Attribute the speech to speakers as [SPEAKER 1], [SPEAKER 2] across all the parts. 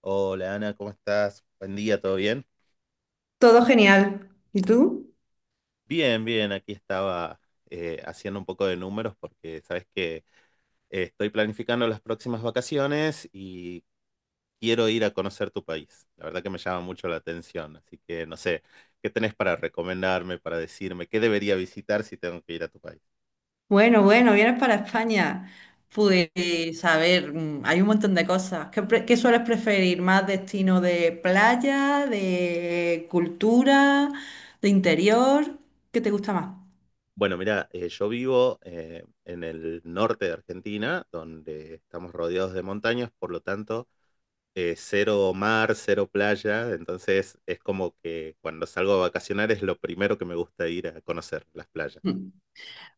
[SPEAKER 1] Hola Ana, ¿cómo estás? Buen día, ¿todo bien?
[SPEAKER 2] Todo genial. ¿Y tú?
[SPEAKER 1] Bien, bien, aquí estaba haciendo un poco de números porque sabes que estoy planificando las próximas vacaciones y quiero ir a conocer tu país. La verdad que me llama mucho la atención, así que no sé, ¿qué tenés para recomendarme, para decirme qué debería visitar si tengo que ir a tu país?
[SPEAKER 2] Bueno, bueno, vienes para España.
[SPEAKER 1] Sí.
[SPEAKER 2] Pues, a ver, hay un montón de cosas. ¿Qué, qué sueles preferir? ¿Más destino de playa, de cultura, de interior? ¿Qué te gusta más?
[SPEAKER 1] Bueno, mira, yo vivo en el norte de Argentina, donde estamos rodeados de montañas, por lo tanto cero mar, cero playa, entonces es como que cuando salgo a vacacionar es lo primero que me gusta ir a conocer las playas.
[SPEAKER 2] Mm.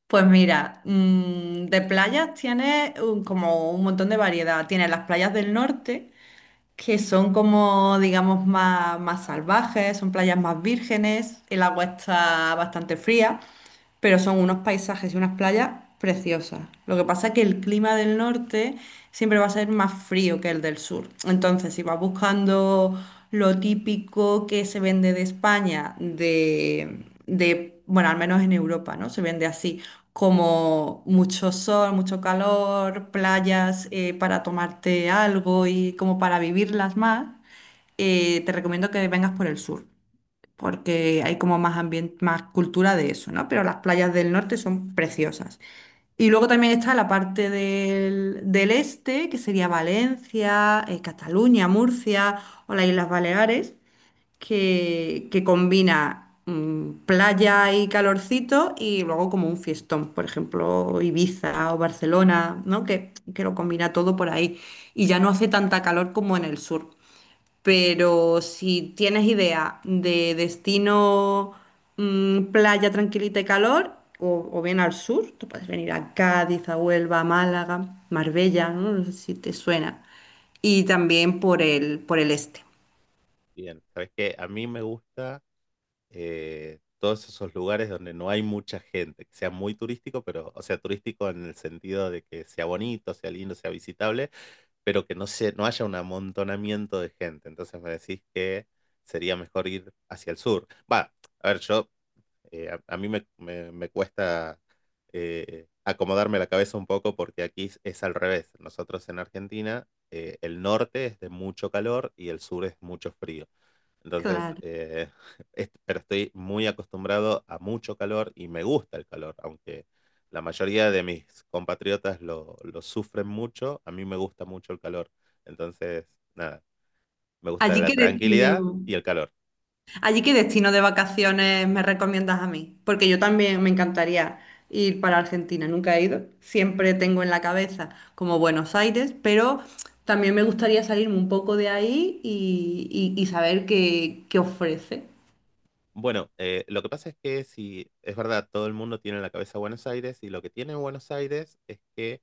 [SPEAKER 2] Pues mira, de playas tienes como un montón de variedad. Tienes las playas del norte, que son como, digamos, más salvajes, son playas más vírgenes, el agua está bastante fría, pero son unos paisajes y unas playas preciosas. Lo que pasa es que el clima del norte siempre va a ser más frío que el del sur. Entonces, si vas buscando lo típico que se vende de España, bueno, al menos en Europa, ¿no? Se vende así, como mucho sol, mucho calor, playas para tomarte algo y como para vivirlas más, te recomiendo que vengas por el sur porque hay como más ambiente, más cultura de eso, ¿no? Pero las playas del norte son preciosas. Y luego también está la parte del este, que sería Valencia, Cataluña, Murcia o las Islas Baleares, que combina playa y calorcito y luego como un fiestón, por ejemplo, Ibiza o Barcelona, ¿no? Que lo combina todo por ahí. Y ya no hace tanta calor como en el sur. Pero si tienes idea de destino, playa tranquilita y calor, o bien al sur, tú puedes venir a Cádiz, a Huelva, a Málaga, Marbella, ¿no? No sé si te suena. Y también por el este.
[SPEAKER 1] Bien, ¿sabes qué? A mí me gusta todos esos lugares donde no hay mucha gente, que sea muy turístico, pero, o sea, turístico en el sentido de que sea bonito, sea lindo, sea visitable, pero que no, se, no haya un amontonamiento de gente. Entonces me decís que sería mejor ir hacia el sur. Va, a ver, yo... A mí me cuesta acomodarme la cabeza un poco porque aquí es al revés. Nosotros en Argentina, el norte es de mucho calor y el sur es mucho frío. Entonces,
[SPEAKER 2] Claro.
[SPEAKER 1] pero estoy muy acostumbrado a mucho calor y me gusta el calor, aunque la mayoría de mis compatriotas lo sufren mucho, a mí me gusta mucho el calor. Entonces, nada, me gusta
[SPEAKER 2] ¿Allí
[SPEAKER 1] la
[SPEAKER 2] qué
[SPEAKER 1] tranquilidad
[SPEAKER 2] destino?
[SPEAKER 1] y el calor.
[SPEAKER 2] Allí, ¿qué destino de vacaciones me recomiendas a mí? Porque yo también me encantaría ir para Argentina, nunca he ido. Siempre tengo en la cabeza como Buenos Aires, pero también me gustaría salirme un poco de ahí y, y saber qué ofrece.
[SPEAKER 1] Bueno, lo que pasa es que si es verdad, todo el mundo tiene en la cabeza Buenos Aires y lo que tiene Buenos Aires es que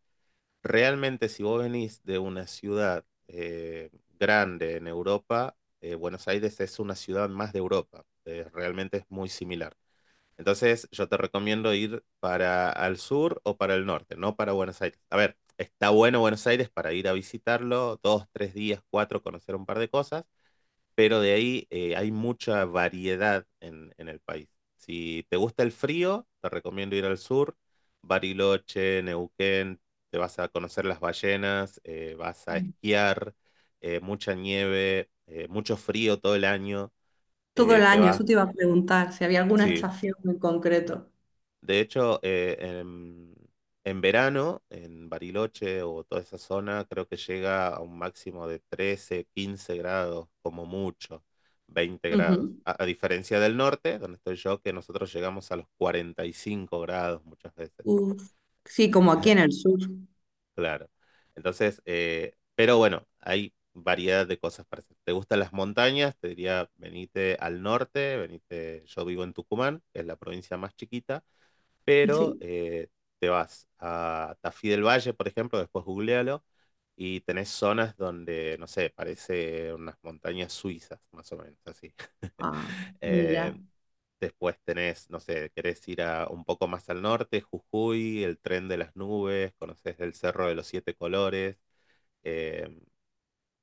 [SPEAKER 1] realmente si vos venís de una ciudad grande en Europa, Buenos Aires es una ciudad más de Europa, realmente es muy similar. Entonces yo te recomiendo ir para al sur o para el norte, no para Buenos Aires. A ver, está bueno Buenos Aires para ir a visitarlo, dos, tres días, cuatro, conocer un par de cosas, pero de ahí hay mucha variedad en el país. Si te gusta el frío, te recomiendo ir al sur, Bariloche, Neuquén, te vas a conocer las ballenas, vas a esquiar, mucha nieve, mucho frío todo el año,
[SPEAKER 2] Todo el
[SPEAKER 1] eh, te
[SPEAKER 2] año, eso
[SPEAKER 1] vas,
[SPEAKER 2] te iba a preguntar, si había alguna
[SPEAKER 1] sí.
[SPEAKER 2] estación en concreto.
[SPEAKER 1] De hecho, en verano, en Bariloche o toda esa zona, creo que llega a un máximo de 13, 15 grados, como mucho, 20 grados.
[SPEAKER 2] Ujú.
[SPEAKER 1] A diferencia del norte, donde estoy yo, que nosotros llegamos a los 45 grados muchas veces.
[SPEAKER 2] Uf. Sí,
[SPEAKER 1] Eh,
[SPEAKER 2] como aquí en el sur.
[SPEAKER 1] claro. Entonces, pero bueno, hay variedad de cosas para hacer. ¿Te gustan las montañas? Te diría, venite al norte, venite, yo vivo en Tucumán, que es la provincia más chiquita, pero
[SPEAKER 2] Sí.
[SPEAKER 1] te vas a Tafí del Valle, por ejemplo, después googlealo, y tenés zonas donde, no sé, parece unas montañas suizas, más o menos así.
[SPEAKER 2] Ah,
[SPEAKER 1] Eh,
[SPEAKER 2] mira.
[SPEAKER 1] después tenés, no sé, querés ir a, un poco más al norte, Jujuy, el tren de las nubes, conocés el Cerro de los Siete Colores. eh,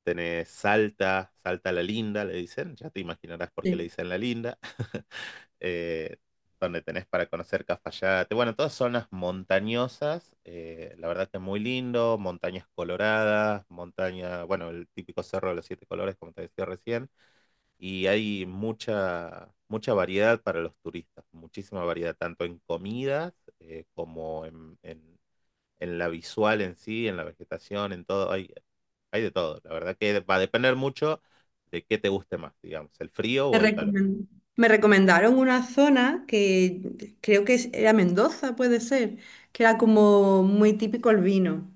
[SPEAKER 1] Tenés Salta, Salta la Linda, le dicen, ya te imaginarás por qué le
[SPEAKER 2] Sí.
[SPEAKER 1] dicen la Linda. eh, Donde tenés para conocer Cafayate. Bueno, todas zonas montañosas, la verdad que es muy lindo, montañas coloradas, montaña, bueno, el típico cerro de los siete colores, como te decía recién, y hay mucha, mucha variedad para los turistas, muchísima variedad, tanto en comidas como en la visual en sí, en la vegetación, en todo, hay de todo. La verdad que va a depender mucho de qué te guste más, digamos, el frío
[SPEAKER 2] Me
[SPEAKER 1] o el calor.
[SPEAKER 2] recomen- Me recomendaron una zona que creo que era Mendoza, puede ser, que era como muy típico el vino.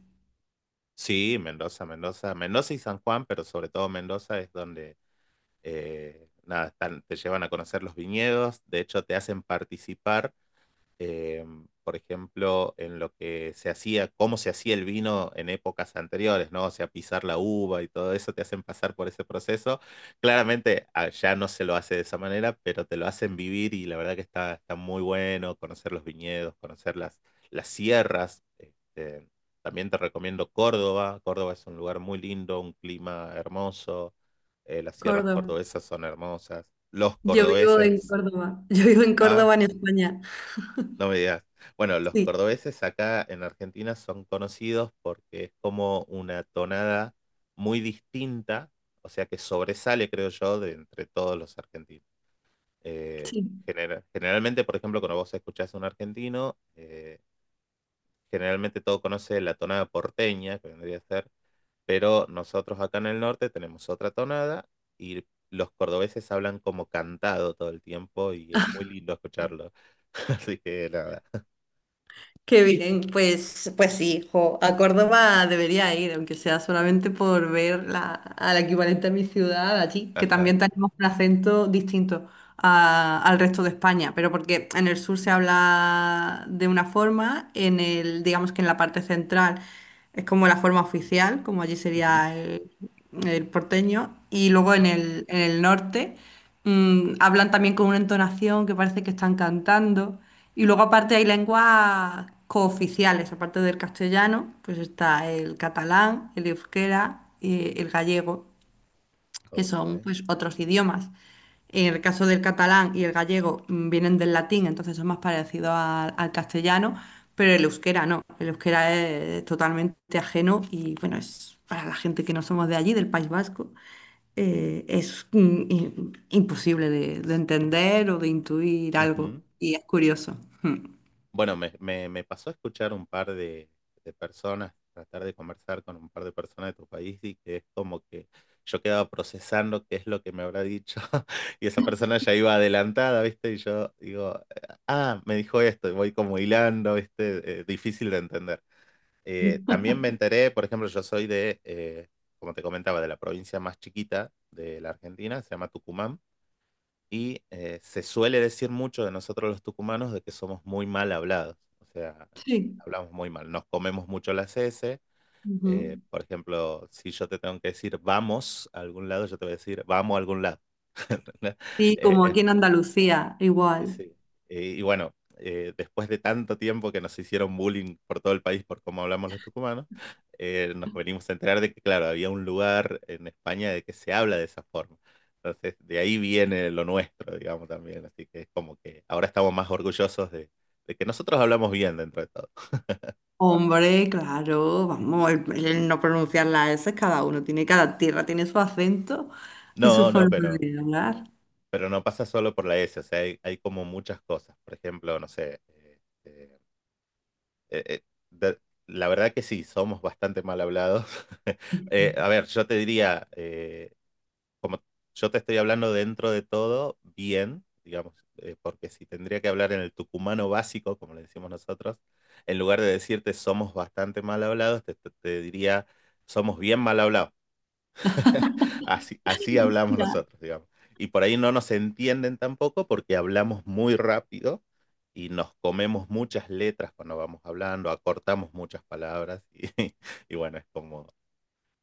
[SPEAKER 1] Sí, Mendoza, Mendoza, Mendoza y San Juan, pero sobre todo Mendoza es donde nada, te llevan a conocer los viñedos, de hecho te hacen participar, eh, por ejemplo, en lo que se hacía, cómo se hacía el vino en épocas anteriores, ¿no? O sea, pisar la uva y todo eso, te hacen pasar por ese proceso. Claramente allá no se lo hace de esa manera, pero te lo hacen vivir y la verdad que está, está muy bueno conocer los viñedos, conocer las sierras. Este, también te recomiendo Córdoba. Córdoba es un lugar muy lindo, un clima hermoso. Las sierras
[SPEAKER 2] Córdoba.
[SPEAKER 1] cordobesas son hermosas. Los
[SPEAKER 2] Yo vivo en
[SPEAKER 1] cordobeses,
[SPEAKER 2] Córdoba. Yo vivo en
[SPEAKER 1] ¿ah?
[SPEAKER 2] Córdoba, en España.
[SPEAKER 1] No me digas. Bueno, los
[SPEAKER 2] Sí,
[SPEAKER 1] cordobeses acá en Argentina son conocidos porque es como una tonada muy distinta, o sea que sobresale, creo yo, de entre todos los argentinos. Eh,
[SPEAKER 2] sí.
[SPEAKER 1] Generalmente, por ejemplo, cuando vos escuchás a un argentino, generalmente todo conoce la tonada porteña, que vendría a ser, pero nosotros acá en el norte tenemos otra tonada y los cordobeses hablan como cantado todo el tiempo y es muy lindo escucharlo. Así que nada.
[SPEAKER 2] Qué bien, pues sí, jo, a Córdoba debería ir, aunque sea solamente por ver a la equivalente a mi ciudad allí, que
[SPEAKER 1] Ajá.
[SPEAKER 2] también tenemos un acento distinto al resto de España, pero porque en el sur se habla de una forma, digamos que en la parte central. Es como la forma oficial, como allí sería el porteño. Y luego en
[SPEAKER 1] Ujú.
[SPEAKER 2] el norte, hablan también con una entonación que parece que están cantando. Y luego aparte hay lenguas cooficiales, aparte del castellano, pues está el catalán, el euskera y el gallego que
[SPEAKER 1] Ok.
[SPEAKER 2] son pues otros idiomas. En el caso del catalán y el gallego vienen del latín, entonces son más parecidos al castellano, pero el euskera no. El euskera es totalmente ajeno y bueno, es para la gente que no somos de allí, del País Vasco, es imposible de entender o de intuir algo
[SPEAKER 1] Ujú.
[SPEAKER 2] y es curioso.
[SPEAKER 1] Bueno, me pasó a escuchar un par de personas, tratar de conversar con un par de personas de tu país y que es como que yo quedaba procesando qué es lo que me habrá dicho. Y esa persona ya iba adelantada, ¿viste? Y yo digo, ah, me dijo esto y voy como hilando, ¿viste? Difícil de entender.
[SPEAKER 2] Mm.
[SPEAKER 1] También me enteré, por ejemplo, yo soy de, como te comentaba, de la provincia más chiquita de la Argentina, se llama Tucumán. Y se suele decir mucho de nosotros los tucumanos de que somos muy mal hablados, o sea,
[SPEAKER 2] Sí.
[SPEAKER 1] hablamos muy mal, nos comemos mucho las S,
[SPEAKER 2] Ujú.
[SPEAKER 1] por ejemplo, si yo te tengo que decir vamos a algún lado, yo te voy a decir vamos a algún lado.
[SPEAKER 2] Sí,
[SPEAKER 1] Eh,
[SPEAKER 2] como
[SPEAKER 1] es,
[SPEAKER 2] aquí en Andalucía, igual.
[SPEAKER 1] Sí. Y bueno, después de tanto tiempo que nos hicieron bullying por todo el país por cómo hablamos los tucumanos, nos venimos a enterar de que, claro, había un lugar en España de que se habla de esa forma. Entonces, de ahí viene lo nuestro, digamos, también. Así que es como que ahora estamos más orgullosos de que nosotros hablamos bien dentro de todo.
[SPEAKER 2] Hombre, claro, vamos, el no pronunciar las S, cada uno tiene, cada tierra tiene su acento y su
[SPEAKER 1] No, no,
[SPEAKER 2] forma de hablar.
[SPEAKER 1] pero no pasa solo por la S, o sea, hay como muchas cosas. Por ejemplo, no sé, eh, eh, eh, de- la verdad que sí, somos bastante mal hablados. A ver, yo te diría, como yo te estoy hablando dentro de todo, bien, digamos, porque si tendría que hablar en el tucumano básico, como le decimos nosotros, en lugar de decirte somos bastante mal hablados, te diría somos bien mal hablados. Así, así hablamos
[SPEAKER 2] Ya.
[SPEAKER 1] nosotros, digamos. Y por ahí no nos entienden tampoco porque hablamos muy rápido y nos comemos muchas letras cuando vamos hablando, acortamos muchas palabras y, y bueno, es como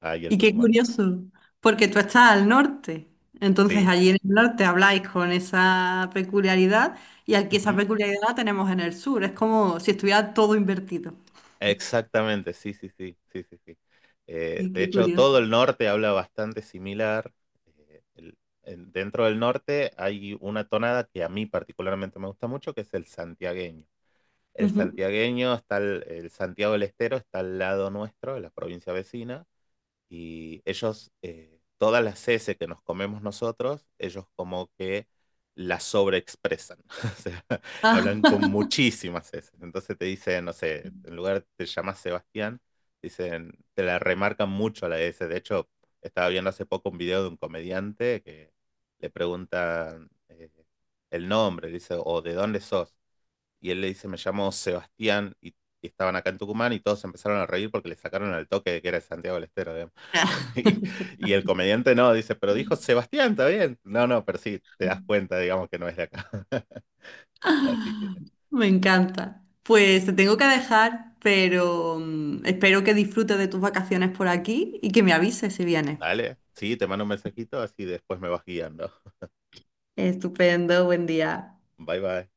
[SPEAKER 1] ahí el
[SPEAKER 2] Y qué
[SPEAKER 1] tucumano.
[SPEAKER 2] curioso, porque tú estás al norte, entonces
[SPEAKER 1] Sí,
[SPEAKER 2] allí en el norte habláis con esa peculiaridad y aquí esa
[SPEAKER 1] ujú.
[SPEAKER 2] peculiaridad la tenemos en el sur, es como si estuviera todo invertido.
[SPEAKER 1] Exactamente, sí, sí, sí, sí, sí, sí.
[SPEAKER 2] Y
[SPEAKER 1] De
[SPEAKER 2] qué
[SPEAKER 1] hecho,
[SPEAKER 2] curioso.
[SPEAKER 1] todo el norte habla bastante similar. Eh, el- Dentro del norte hay una tonada que a mí particularmente me gusta mucho, que es el santiagueño. El
[SPEAKER 2] Ujú.
[SPEAKER 1] santiagueño está, el Santiago del Estero está al lado nuestro, en la provincia vecina. Y ellos, todas las S que nos comemos nosotros, ellos como que las sobreexpresan. O sea,
[SPEAKER 2] Ah.
[SPEAKER 1] hablan con muchísimas S. Entonces te dicen, no sé, en lugar de te llamas Sebastián, dicen, te la remarcan mucho a la S. De hecho, estaba viendo hace poco un video de un comediante que le preguntan el nombre, dice, o de dónde sos. Y él le dice, me llamo Sebastián, y estaban acá en Tucumán, y todos empezaron a reír porque le sacaron al toque de que era de Santiago del Estero. ¿Eh? Y, y el comediante no, dice, pero dijo Sebastián, está bien. No, no, pero sí, te das cuenta, digamos, que no es de acá. Así que,
[SPEAKER 2] Me encanta. Pues te tengo que dejar, pero espero que disfrutes de tus vacaciones por aquí y que me avises si vienes.
[SPEAKER 1] dale, sí, te mando un mensajito, así después me vas guiando.
[SPEAKER 2] Estupendo, buen día.
[SPEAKER 1] Bye, bye.